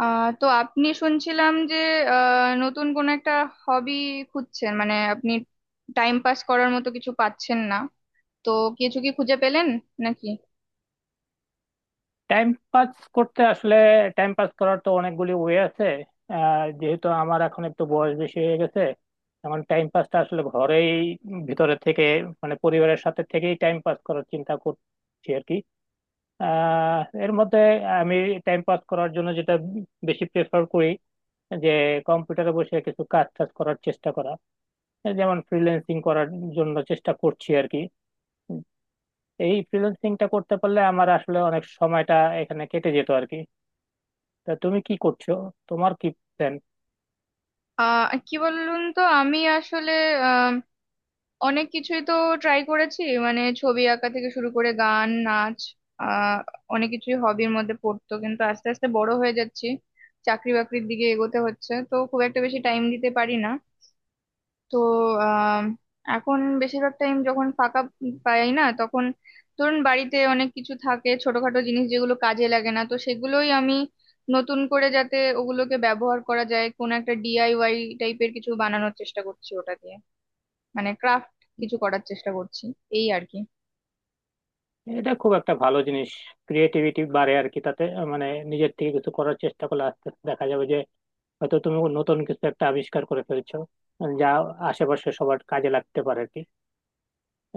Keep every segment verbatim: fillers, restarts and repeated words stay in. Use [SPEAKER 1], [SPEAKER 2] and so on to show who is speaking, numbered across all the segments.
[SPEAKER 1] আহ তো আপনি শুনছিলাম যে আহ নতুন কোন একটা হবি খুঁজছেন, মানে আপনি টাইম পাস করার মতো কিছু পাচ্ছেন না। তো কিছু কি খুঁজে পেলেন নাকি?
[SPEAKER 2] টাইম পাস করতে আসলে টাইম পাস করার তো অনেকগুলি ওয়ে আছে। আহ, যেহেতু আমার এখন একটু বয়স বেশি হয়ে গেছে, এখন টাইম পাসটা আসলে ঘরেই ভিতরে থেকে, মানে পরিবারের সাথে থেকেই টাইম পাস করার চিন্তা করছি আর কি। আহ, এর মধ্যে আমি টাইম পাস করার জন্য যেটা বেশি প্রেফার করি যে কম্পিউটারে বসে কিছু কাজ টাজ করার চেষ্টা করা, যেমন ফ্রিল্যান্সিং করার জন্য চেষ্টা করছি আর কি। এই ফ্রিল্যান্সিংটা করতে পারলে আমার আসলে অনেক সময়টা এখানে কেটে যেত আর কি। তা তুমি কি করছো? তোমার কি প্ল্যান?
[SPEAKER 1] আহ কি বলুন তো, আমি আসলে আহ, অনেক কিছুই তো ট্রাই করেছি, মানে ছবি আঁকা থেকে শুরু করে গান, নাচ, আহ অনেক কিছুই হবির মধ্যে পড়তো। কিন্তু আস্তে আস্তে বড় হয়ে যাচ্ছি, চাকরি বাকরির দিকে এগোতে হচ্ছে, তো খুব একটা বেশি টাইম দিতে পারি না। তো আহ এখন বেশিরভাগ টাইম যখন ফাঁকা পাই না, তখন ধরুন বাড়িতে অনেক কিছু থাকে, ছোটখাটো জিনিস যেগুলো কাজে লাগে না, তো সেগুলোই আমি নতুন করে যাতে ওগুলোকে ব্যবহার করা যায়, কোন একটা ডিআইওয়াই টাইপের কিছু বানানোর চেষ্টা করছি ওটা দিয়ে, মানে ক্রাফট কিছু করার চেষ্টা করছি এই আর কি।
[SPEAKER 2] এটা খুব একটা ভালো জিনিস, ক্রিয়েটিভিটি বাড়ে আর কি তাতে। আহ, মানে নিজের থেকে কিছু করার চেষ্টা করলে আস্তে আস্তে দেখা যাবে যে হয়তো তুমি নতুন কিছু একটা আবিষ্কার করে ফেলছো, যা আশেপাশে সবার কাজে লাগতে পারে আর কি।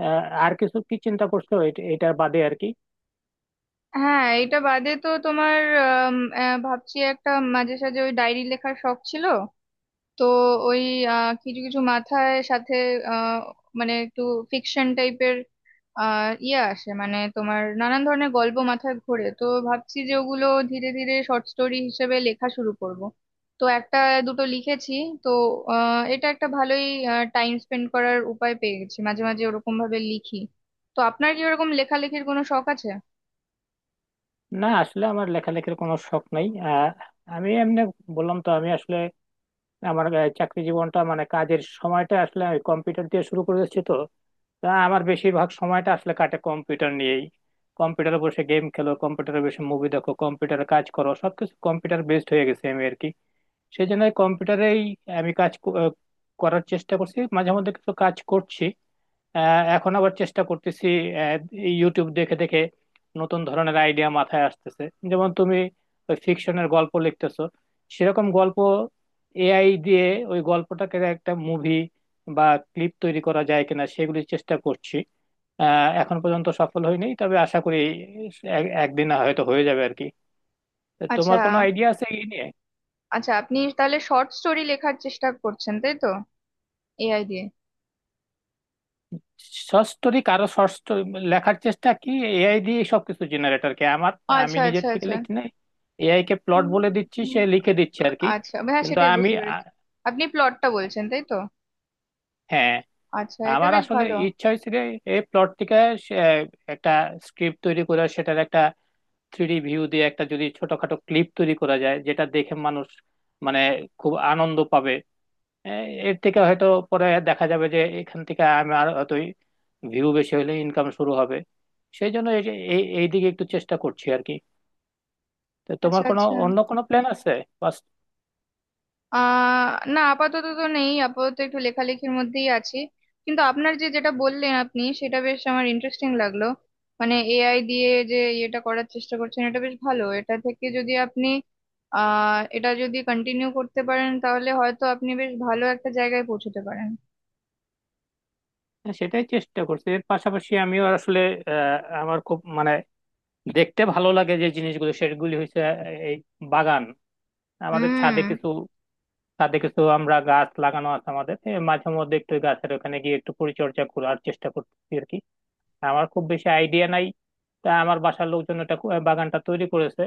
[SPEAKER 2] আহ, আর কিছু কি চিন্তা করছো এট- এটার বাদে আর কি?
[SPEAKER 1] হ্যাঁ, এটা বাদে তো তোমার আম, আহ, ভাবছি একটা, মাঝে সাঝে ওই ডায়েরি লেখার শখ ছিল, তো ওই আহ, কিছু কিছু মাথায় সাথে আহ, মানে একটু ফিকশন টাইপের ইয়ে আসে, মানে তোমার নানান ধরনের গল্প মাথায় ঘোরে, তো ভাবছি যে ওগুলো ধীরে ধীরে শর্ট স্টোরি হিসেবে লেখা শুরু করব। তো একটা দুটো লিখেছি। তো আহ, এটা একটা ভালোই টাইম স্পেন্ড করার উপায় পেয়ে গেছি, মাঝে মাঝে ওরকম ভাবে লিখি। তো আপনার কি ওরকম লেখালেখির কোনো শখ আছে?
[SPEAKER 2] না আসলে আমার লেখালেখির কোনো শখ নাই। আহ, আমি এমনি বললাম তো, আমি আসলে আমার আহ, চাকরি জীবনটা মানে কাজের সময়টা আসলে কম্পিউটার দিয়ে শুরু করেছি, তো তা আমার বেশিরভাগ সময়টা আসলে কাটে কম্পিউটার নিয়েই। কম্পিউটারে বসে গেম খেলো, কম্পিউটারে বসে মুভি দেখো, কম্পিউটারে কাজ করো, সবকিছু কম্পিউটার বেসড হয়ে গেছে আমি আর কি। সেই জন্য কম্পিউটারেই আমি কাজ ক- আহ, করার চেষ্টা করছি, মাঝে মধ্যে কিছু কাজ করছি। আহ, এখন আবার চেষ্টা করতেছি আহ, ইউটিউব দেখে দেখে নতুন ধরনের আইডিয়া মাথায় আসতেছে। যেমন তুমি ওই ফিকশনের গল্প লিখতেছো, সেরকম গল্প এআই দিয়ে ওই গল্পটাকে একটা মুভি বা ক্লিপ তৈরি করা যায় কিনা সেগুলির চেষ্টা করছি। আহ এখন পর্যন্ত সফল হয়নি, তবে আশা করি এক- একদিন হয়তো হয়ে যাবে আর কি। তো
[SPEAKER 1] আচ্ছা,
[SPEAKER 2] তোমার কোনো আইডিয়া আছে এই নিয়ে?
[SPEAKER 1] আচ্ছা, আপনি তাহলে শর্ট স্টোরি লেখার চেষ্টা করছেন তাই তো, এআই দিয়ে?
[SPEAKER 2] সস্তরিক আরো সস্ত লেখার চেষ্টা কি এআই দিয়ে সবকিছু জেনারেটর কে আমার আমি
[SPEAKER 1] আচ্ছা, আচ্ছা,
[SPEAKER 2] নিজের থেকে
[SPEAKER 1] আচ্ছা।
[SPEAKER 2] লিখি নাই, এআই কে প্লট
[SPEAKER 1] উম,
[SPEAKER 2] বলে দিচ্ছি, সে
[SPEAKER 1] উম,
[SPEAKER 2] লিখে দিচ্ছে আর কি।
[SPEAKER 1] আচ্ছা, হ্যাঁ
[SPEAKER 2] কিন্তু
[SPEAKER 1] সেটাই
[SPEAKER 2] আমি
[SPEAKER 1] বুঝতে
[SPEAKER 2] আ-
[SPEAKER 1] পেরেছি। আপনি প্লটটা বলছেন তাই তো?
[SPEAKER 2] হ্যাঁ,
[SPEAKER 1] আচ্ছা, এটা
[SPEAKER 2] আমার
[SPEAKER 1] বেশ
[SPEAKER 2] আসলে
[SPEAKER 1] ভালো।
[SPEAKER 2] ইচ্ছা হয়েছিল এই প্লট থেকে সে একটা স্ক্রিপ্ট তৈরি করে সেটার একটা থ্রিডি ভিউ দিয়ে একটা যদি ছোটখাটো ক্লিপ তৈরি করা যায় যেটা দেখে মানুষ মানে খুব আনন্দ পাবে। হ্যাঁ, এর থেকে হয়তো পরে দেখা যাবে যে এখান থেকে আমি আর হয়তোই ভিউ বেশি হলে ইনকাম শুরু হবে। সেই জন্য এই যে- এই এই দিকে একটু চেষ্টা করছি আর কি। তো তোমার
[SPEAKER 1] আচ্ছা,
[SPEAKER 2] কোনো
[SPEAKER 1] আচ্ছা।
[SPEAKER 2] অন্য কোনো প্ল্যান আছে? বাস,
[SPEAKER 1] আহ না, আপাতত তো নেই, আপাতত একটু লেখালেখির মধ্যেই আছি। কিন্তু আপনার যে যেটা বললেন আপনি, সেটা বেশ আমার ইন্টারেস্টিং লাগলো। মানে এআই দিয়ে যে ইয়েটা করার চেষ্টা করছেন এটা বেশ ভালো, এটা থেকে যদি আপনি আহ এটা যদি কন্টিনিউ করতে পারেন তাহলে হয়তো আপনি বেশ ভালো একটা জায়গায় পৌঁছতে পারেন।
[SPEAKER 2] হ্যাঁ, সেটাই চেষ্টা করছি। এর পাশাপাশি আমিও আসলে আহ, আমার খুব মানে দেখতে ভালো লাগে যে জিনিসগুলো সেগুলি হচ্ছে আহ, এই বাগান। আমাদের ছাদে
[SPEAKER 1] হুম।
[SPEAKER 2] কিছু ছাদে কিছু আমরা গাছ লাগানো আছে আমাদের। এ, মাঝে মধ্যে একটু গাছের ওখানে গিয়ে একটু পরিচর্যা করার চেষ্টা করছি আর কি। আমার খুব বেশি আইডিয়া নাই, তা আমার বাসার লোকজন এটা কো- বাগানটা তৈরি করেছে,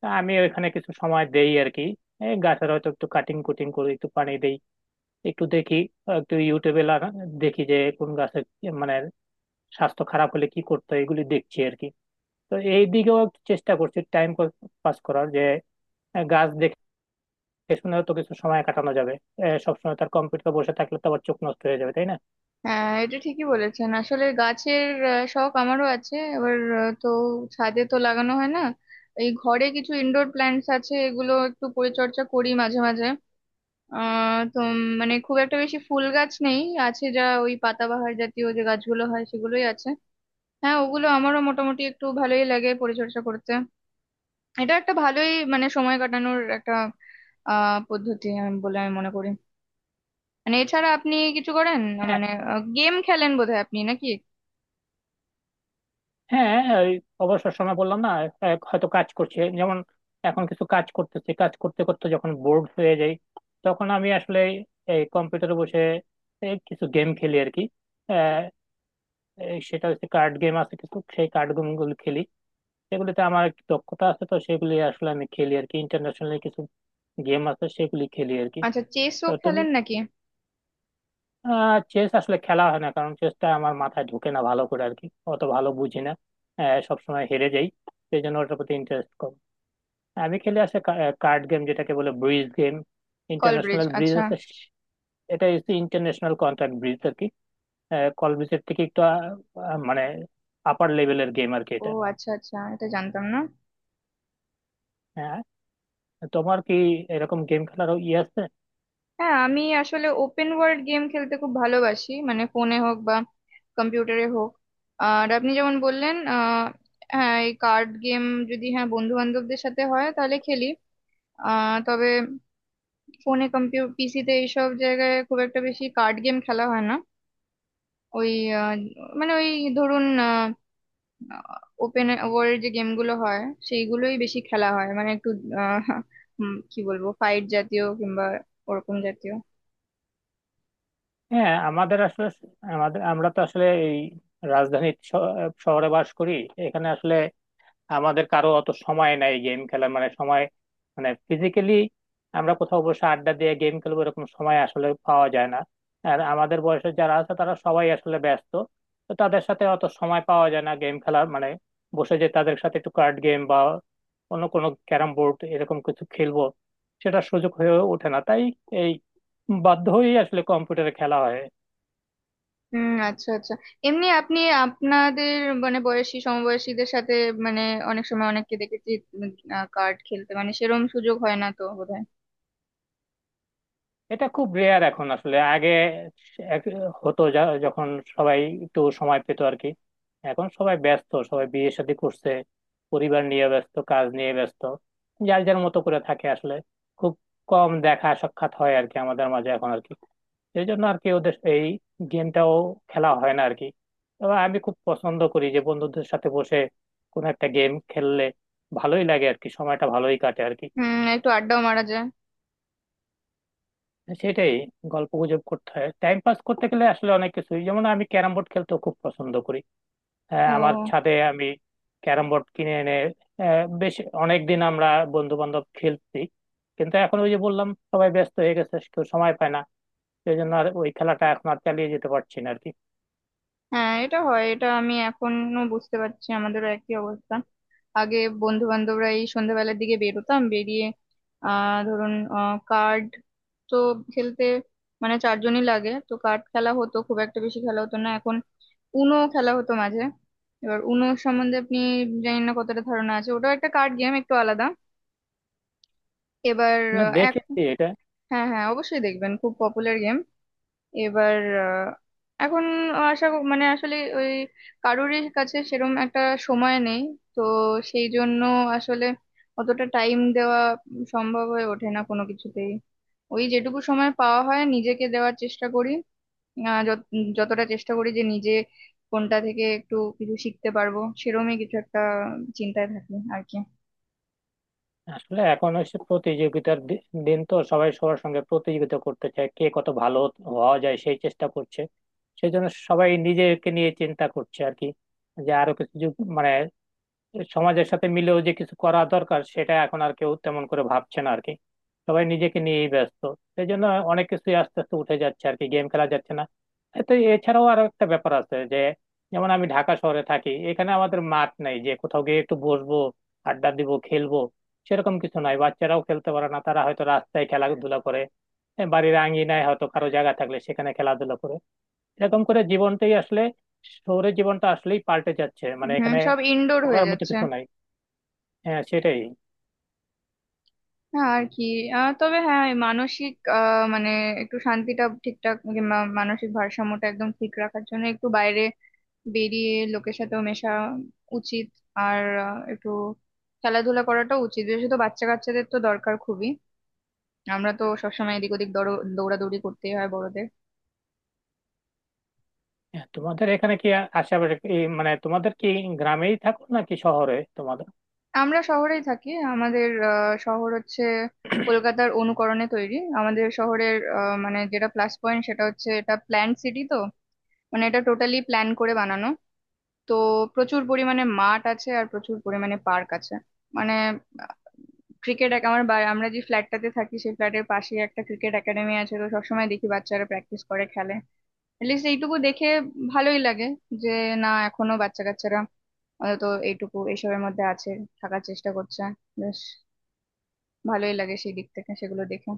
[SPEAKER 2] তা আমি ওইখানে কিছু সময় দেই আর কি। এই গাছের হয়তো একটু কাটিং কুটিং করি, একটু পানি দেই, একটু দেখি, একটু ইউটিউবে লাগা দেখি যে কোন গাছের কি- মানে স্বাস্থ্য খারাপ হলে কি করতে হয় এগুলি দেখছি আর কি। তো এই দিকেও একটু চেষ্টা করছি টাইম পাস করার যে আহ, গাছ দেখে শুনেও তো কিছু সময় কাটানো যাবে। আহ, সবসময় তার কম্পিউটার বসে থাকলে তো আবার চোখ নষ্ট হয়ে যাবে, তাই না?
[SPEAKER 1] হ্যাঁ, এটা ঠিকই বলেছেন, আসলে গাছের আহ, শখ আমারও আছে। এবার আহ, তো ছাদে তো লাগানো হয় না, এই ঘরে কিছু ইনডোর প্ল্যান্টস আছে, এগুলো একটু পরিচর্যা করি মাঝে মাঝে। আহ তো উম, মানে খুব একটা বেশি ফুল গাছ নেই, আছে যা ওই পাতাবাহার জাতীয় যে গাছগুলো হয় সেগুলোই আছে। হ্যাঁ, ওগুলো আমারও মোটামুটি একটু ভালোই লাগে পরিচর্যা করতে। এটা একটা ভালোই, মানে সময় কাটানোর একটা আহ পদ্ধতি আমি- বলে আমি মনে করি। মানে এছাড়া আপনি কিছু করেন, মানে গেম খেলেন বোধহয় আপনি নাকি?
[SPEAKER 2] হ্যাঁ হ্যাঁ, ওই অবসর সময় বললাম না, এক- হয়তো কাজ করছে। যেমন এখন কিছু কাজ করতেছি, কাজ করতে করতে যখন বোর্ড হয়ে যাই তখন আমি আসলে এই কম্পিউটারে বসে এই কিছু গেম খেলি আর কি। আহ, এই সেটা হচ্ছে কার্ড গেম আছে কিছু, সেই কার্ড গেম গুলো খেলি। সেগুলিতে আমার একটু দক্ষতা আছে তো সেগুলি আসলে আমি খেলি আর কি। ইন্টারন্যাশনাল কিছু গেম আছে সেগুলি খেলি আর কি।
[SPEAKER 1] আচ্ছা, চেসও
[SPEAKER 2] তো তুমি
[SPEAKER 1] খেলেন নাকি?
[SPEAKER 2] আহ চেস আসলে খেলা হয় না, কারণ চেসটা আমার মাথায় ঢুকে না ভালো করে আর কি। অত ভালো বুঝি না। আহ, সবসময় হেরে যাই, সেই জন্য ওটার প্রতি ইন্টারেস্ট কম। আমি খেলে আসে কার্ড গেম যেটাকে বলে bridge game,
[SPEAKER 1] call bridge,
[SPEAKER 2] international bridge
[SPEAKER 1] আচ্ছা।
[SPEAKER 2] আছে। এটা হচ্ছে ইন্টারন্যাশনাল কন্ট্রাক্ট ব্রিজ আর কি। কল ব্রিজের থেকে একটু আহ, মানে আপার লেভেলের গেম আর কি
[SPEAKER 1] ও
[SPEAKER 2] এটা।
[SPEAKER 1] আচ্ছা, আচ্ছা, এটা জানতাম না।
[SPEAKER 2] হ্যাঁ। তোমার কি এরকম গেম খেলার ইয়ে আছে?
[SPEAKER 1] হ্যাঁ, আমি আসলে ওপেন ওয়ার্ল্ড গেম খেলতে খুব ভালোবাসি, মানে ফোনে হোক বা কম্পিউটারে হোক। আর আপনি যেমন বললেন আহ হ্যাঁ এই কার্ড গেম, যদি হ্যাঁ বন্ধু বান্ধবদের সাথে হয় তাহলে খেলি। আহ তবে ফোনে, কম্পিউটার, পিসিতে এইসব জায়গায় খুব একটা বেশি কার্ড গেম খেলা হয় না। ওই আহ, মানে ওই ধরুন ওপেন ওয়ার্ল্ড যে গেমগুলো হয় সেইগুলোই বেশি খেলা হয়, মানে একটু আহ, উম, কি বলবো, ফাইট জাতীয় কিংবা ওরকম জাতীয়।
[SPEAKER 2] হ্যাঁ, আমাদের আসলে আমাদের আমরা তো আসলে এই রাজধানীর শ- শহরে বাস করি। এখানে আসলে আমাদের কারো অত সময় নাই গেম খেলার, মানে সময়, মানে ফিজিক্যালি আমরা কোথাও বসে আড্ডা দিয়ে গেম খেলবো এরকম সময় আসলে পাওয়া যায় না। আর আমাদের বয়সে যারা আছে তারা সবাই আসলে ব্যস্ত, তো তাদের সাথে অত সময় পাওয়া যায় না গেম খেলার, মানে বসে যে তাদের সাথে একটু কার্ড গেম বা অন্য কোনো ক্যারাম বোর্ড এরকম কিছু খেলবো, সেটা সুযোগ হয়ে ওঠে না, তাই এই বাধ্য হয়েই আসলে কম্পিউটারে খেলা হয়।
[SPEAKER 1] হুম, আচ্ছা, আচ্ছা। এমনি আপনি, আপনাদের মানে বয়সী, সমবয়সীদের সাথে, মানে অনেক সময় অনেককে দেখেছি কার্ড খেলতে, মানে সেরম সুযোগ হয় না তো বোধহয়।
[SPEAKER 2] এটা খুব রেয়ার এখন আসলে। আগে এক- হতো, যা- যখন সবাই একটু সময় পেত আর কি। এখন সবাই ব্যস্ত, সবাই বিয়ে শাদী করছে, পরিবার নিয়ে ব্যস্ত, কাজ নিয়ে ব্যস্ত, যার যার মতো করে থাকে আসলে। খুব কম দেখা সাক্ষাৎ হয় আর কি আমাদের মাঝে এখন আর কি। এই জন্য আর কি ওদের এই গেমটাও খেলা হয় না আর কি। তবে আমি খুব পছন্দ করি যে বন্ধুদের সাথে বসে কোনো একটা গেম খেললে ভালোই লাগে আর কি, সময়টা ভালোই কাটে আর কি।
[SPEAKER 1] হুম, একটু আড্ডাও মারা যায়।
[SPEAKER 2] সেটাই। গল্প গুজব করতে হয় টাইম পাস করতে গেলে, আসলে অনেক কিছুই। যেমন আমি ক্যারাম বোর্ড খেলতে খুব পছন্দ করি। আহ, আমার
[SPEAKER 1] ও
[SPEAKER 2] ছাদে আমি ক্যারাম বোর্ড কিনে এনে আহ, বেশ অনেকদিন আমরা বন্ধু বান্ধব খেলছি, কিন্তু এখন ওই যে বললাম সবাই ব্যস্ত হয়ে গেছে, কেউ সময় পায় না। সেই জন্য আর ওই খেলাটা এখন আর চালিয়ে যেতে পারছি না আর কি।
[SPEAKER 1] হ্যাঁ, এটা হয়, এটা আমি এখনো বুঝতে পারছি, আমাদেরও একই অবস্থা। আগে বন্ধু বান্ধবরা এই সন্ধ্যাবেলার দিকে বেরোতাম, বেরিয়ে আহ ধরুন কার্ড, তো খেলতে মানে চারজনই লাগে, তো কার্ড খেলা হতো, খুব একটা বেশি খেলা হতো না। এখন উনো খেলা হতো মাঝে। এবার উনো সম্বন্ধে আপনি জানি না কতটা ধারণা আছে, ওটাও একটা কার্ড গেম একটু আলাদা। এবার
[SPEAKER 2] না
[SPEAKER 1] আহ, এক
[SPEAKER 2] দেখেছি এটা।
[SPEAKER 1] হ্যাঁ, হ্যাঁ, অবশ্যই দেখবেন, খুব পপুলার গেম। এবার আহ, এখন আশা ক- মানে আসলে ওই কারোরই কাছে সেরম একটা সময় নেই, তো সেই জন্য আসলে অতটা টাইম দেওয়া সম্ভব হয়ে ওঠে না কোনো কিছুতেই। ওই যেটুকু সময় পাওয়া হয় নিজেকে দেওয়ার চেষ্টা করি। আহ, যত- যতটা চেষ্টা করি যে নিজে কোনটা থেকে একটু কিছু শিখতে পারবো সেরমই কিছু একটা চিন্তায় থাকি আর কি।
[SPEAKER 2] আসলে এখন হচ্ছে প্রতিযোগিতার দি- দিন, তো সবাই সবার সঙ্গে প্রতিযোগিতা করতে চায়, কে কত ভালো হওয়া যায় সেই চেষ্টা করছে। সেই জন্য সবাই নিজেকে নিয়ে চিন্তা করছে আর কি। যে আরো কিছু যুগ- মানে সমাজের সাথে মিলেও যে কিছু করা দরকার সেটা এখন আর কেউ তেমন করে ভাবছে না আর কি। সবাই নিজেকে নিয়েই ব্যস্ত। সেই জন্য অনেক কিছুই আস্তে আস্তে উঠে যাচ্ছে আর কি, গেম খেলা যাচ্ছে না। এ তো এছাড়াও আরো একটা ব্যাপার আছে যে, যেমন আমি ঢাকা শহরে থাকি, এখানে আমাদের মাঠ নেই যে কোথাও গিয়ে একটু বসবো, আড্ডা দিব, খেলবো, সেরকম কিছু নাই। বাচ্চারাও খেলতে পারে না, তারা হয়তো রাস্তায় খেলাধুলা করে, এ, বাড়ির আঙিনায় হয়তো কারো জায়গা থাকলে সেখানে খেলাধুলা করে। এরকম করে জীবনটাই আসলে শহুরে জীবনটা আসলেই পাল্টে যাচ্ছে, মানে
[SPEAKER 1] হুম,
[SPEAKER 2] এখানে
[SPEAKER 1] সব ইনডোর হয়ে
[SPEAKER 2] করার মতো
[SPEAKER 1] যাচ্ছে।
[SPEAKER 2] কিছু নাই। হ্যাঁ সেটাই।
[SPEAKER 1] না আর কি। আহ, তবে হ্যাঁ, এই মানসিক আহ, মানে একটু শান্তিটা ঠিকঠাক, মানে মা- মানসিক ভারসাম্যটা একদম ঠিক রাখার জন্য একটু বাইরে বেরিয়ে লোকের সাথেও মেশা উচিত। আর আহ, একটু খেলাধুলা করাটাও উচিত, বিশেষত বাচ্চা কাচ্চাদের তো দরকার খুবই। আমরা তো সবসময় এদিক ওদিক দৌড়- দৌড়াদৌড়ি করতেই হয় বড়দের।
[SPEAKER 2] হ্যাঁ, তোমাদের এখানে কি আ- আশেপাশে এই মানে তোমাদের কি গ্রামেই থাকো নাকি শহরে তোমাদের?
[SPEAKER 1] আমরা শহরেই থাকি। আমাদের আহ, শহর হচ্ছে কলকাতার অনুকরণে তৈরি। আমাদের শহরের আহ, মানে যেটা প্লাস পয়েন্ট সেটা হচ্ছে এটা প্ল্যান্ড সিটি, তো মানে এটা টোটালি প্ল্যান করে বানানো। তো প্রচুর পরিমাণে মাঠ আছে আর প্রচুর পরিমাণে পার্ক আছে। মানে ক্রিকেট আমার বা- আমরা যে ফ্ল্যাটটাতে থাকি সেই ফ্ল্যাটের পাশে একটা ক্রিকেট একাডেমি আছে, তো সবসময় দেখি বাচ্চারা প্র্যাকটিস করে খেলে। এটলিস্ট এইটুকু দেখে ভালোই লাগে যে না, এখনো বাচ্চা কাচ্চারা অন্তত এইটুকু এইসবের মধ্যে আছে, থাকার চেষ্টা করছে। বেশ ভালোই লাগে সেই দিক থেকে সেগুলো দেখে।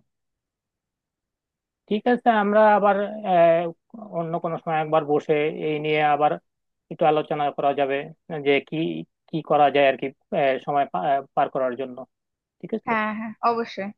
[SPEAKER 2] ঠিক আছে, আমরা আবার আহ, অন্য কোনো সময় একবার বসে এই নিয়ে আবার একটু আলোচনা করা যাবে যে কি কি করা যায় আর কি। আহ, সময় পা- পার করার জন্য। ঠিক আছে।
[SPEAKER 1] হ্যাঁ, হ্যাঁ, অবশ্যই।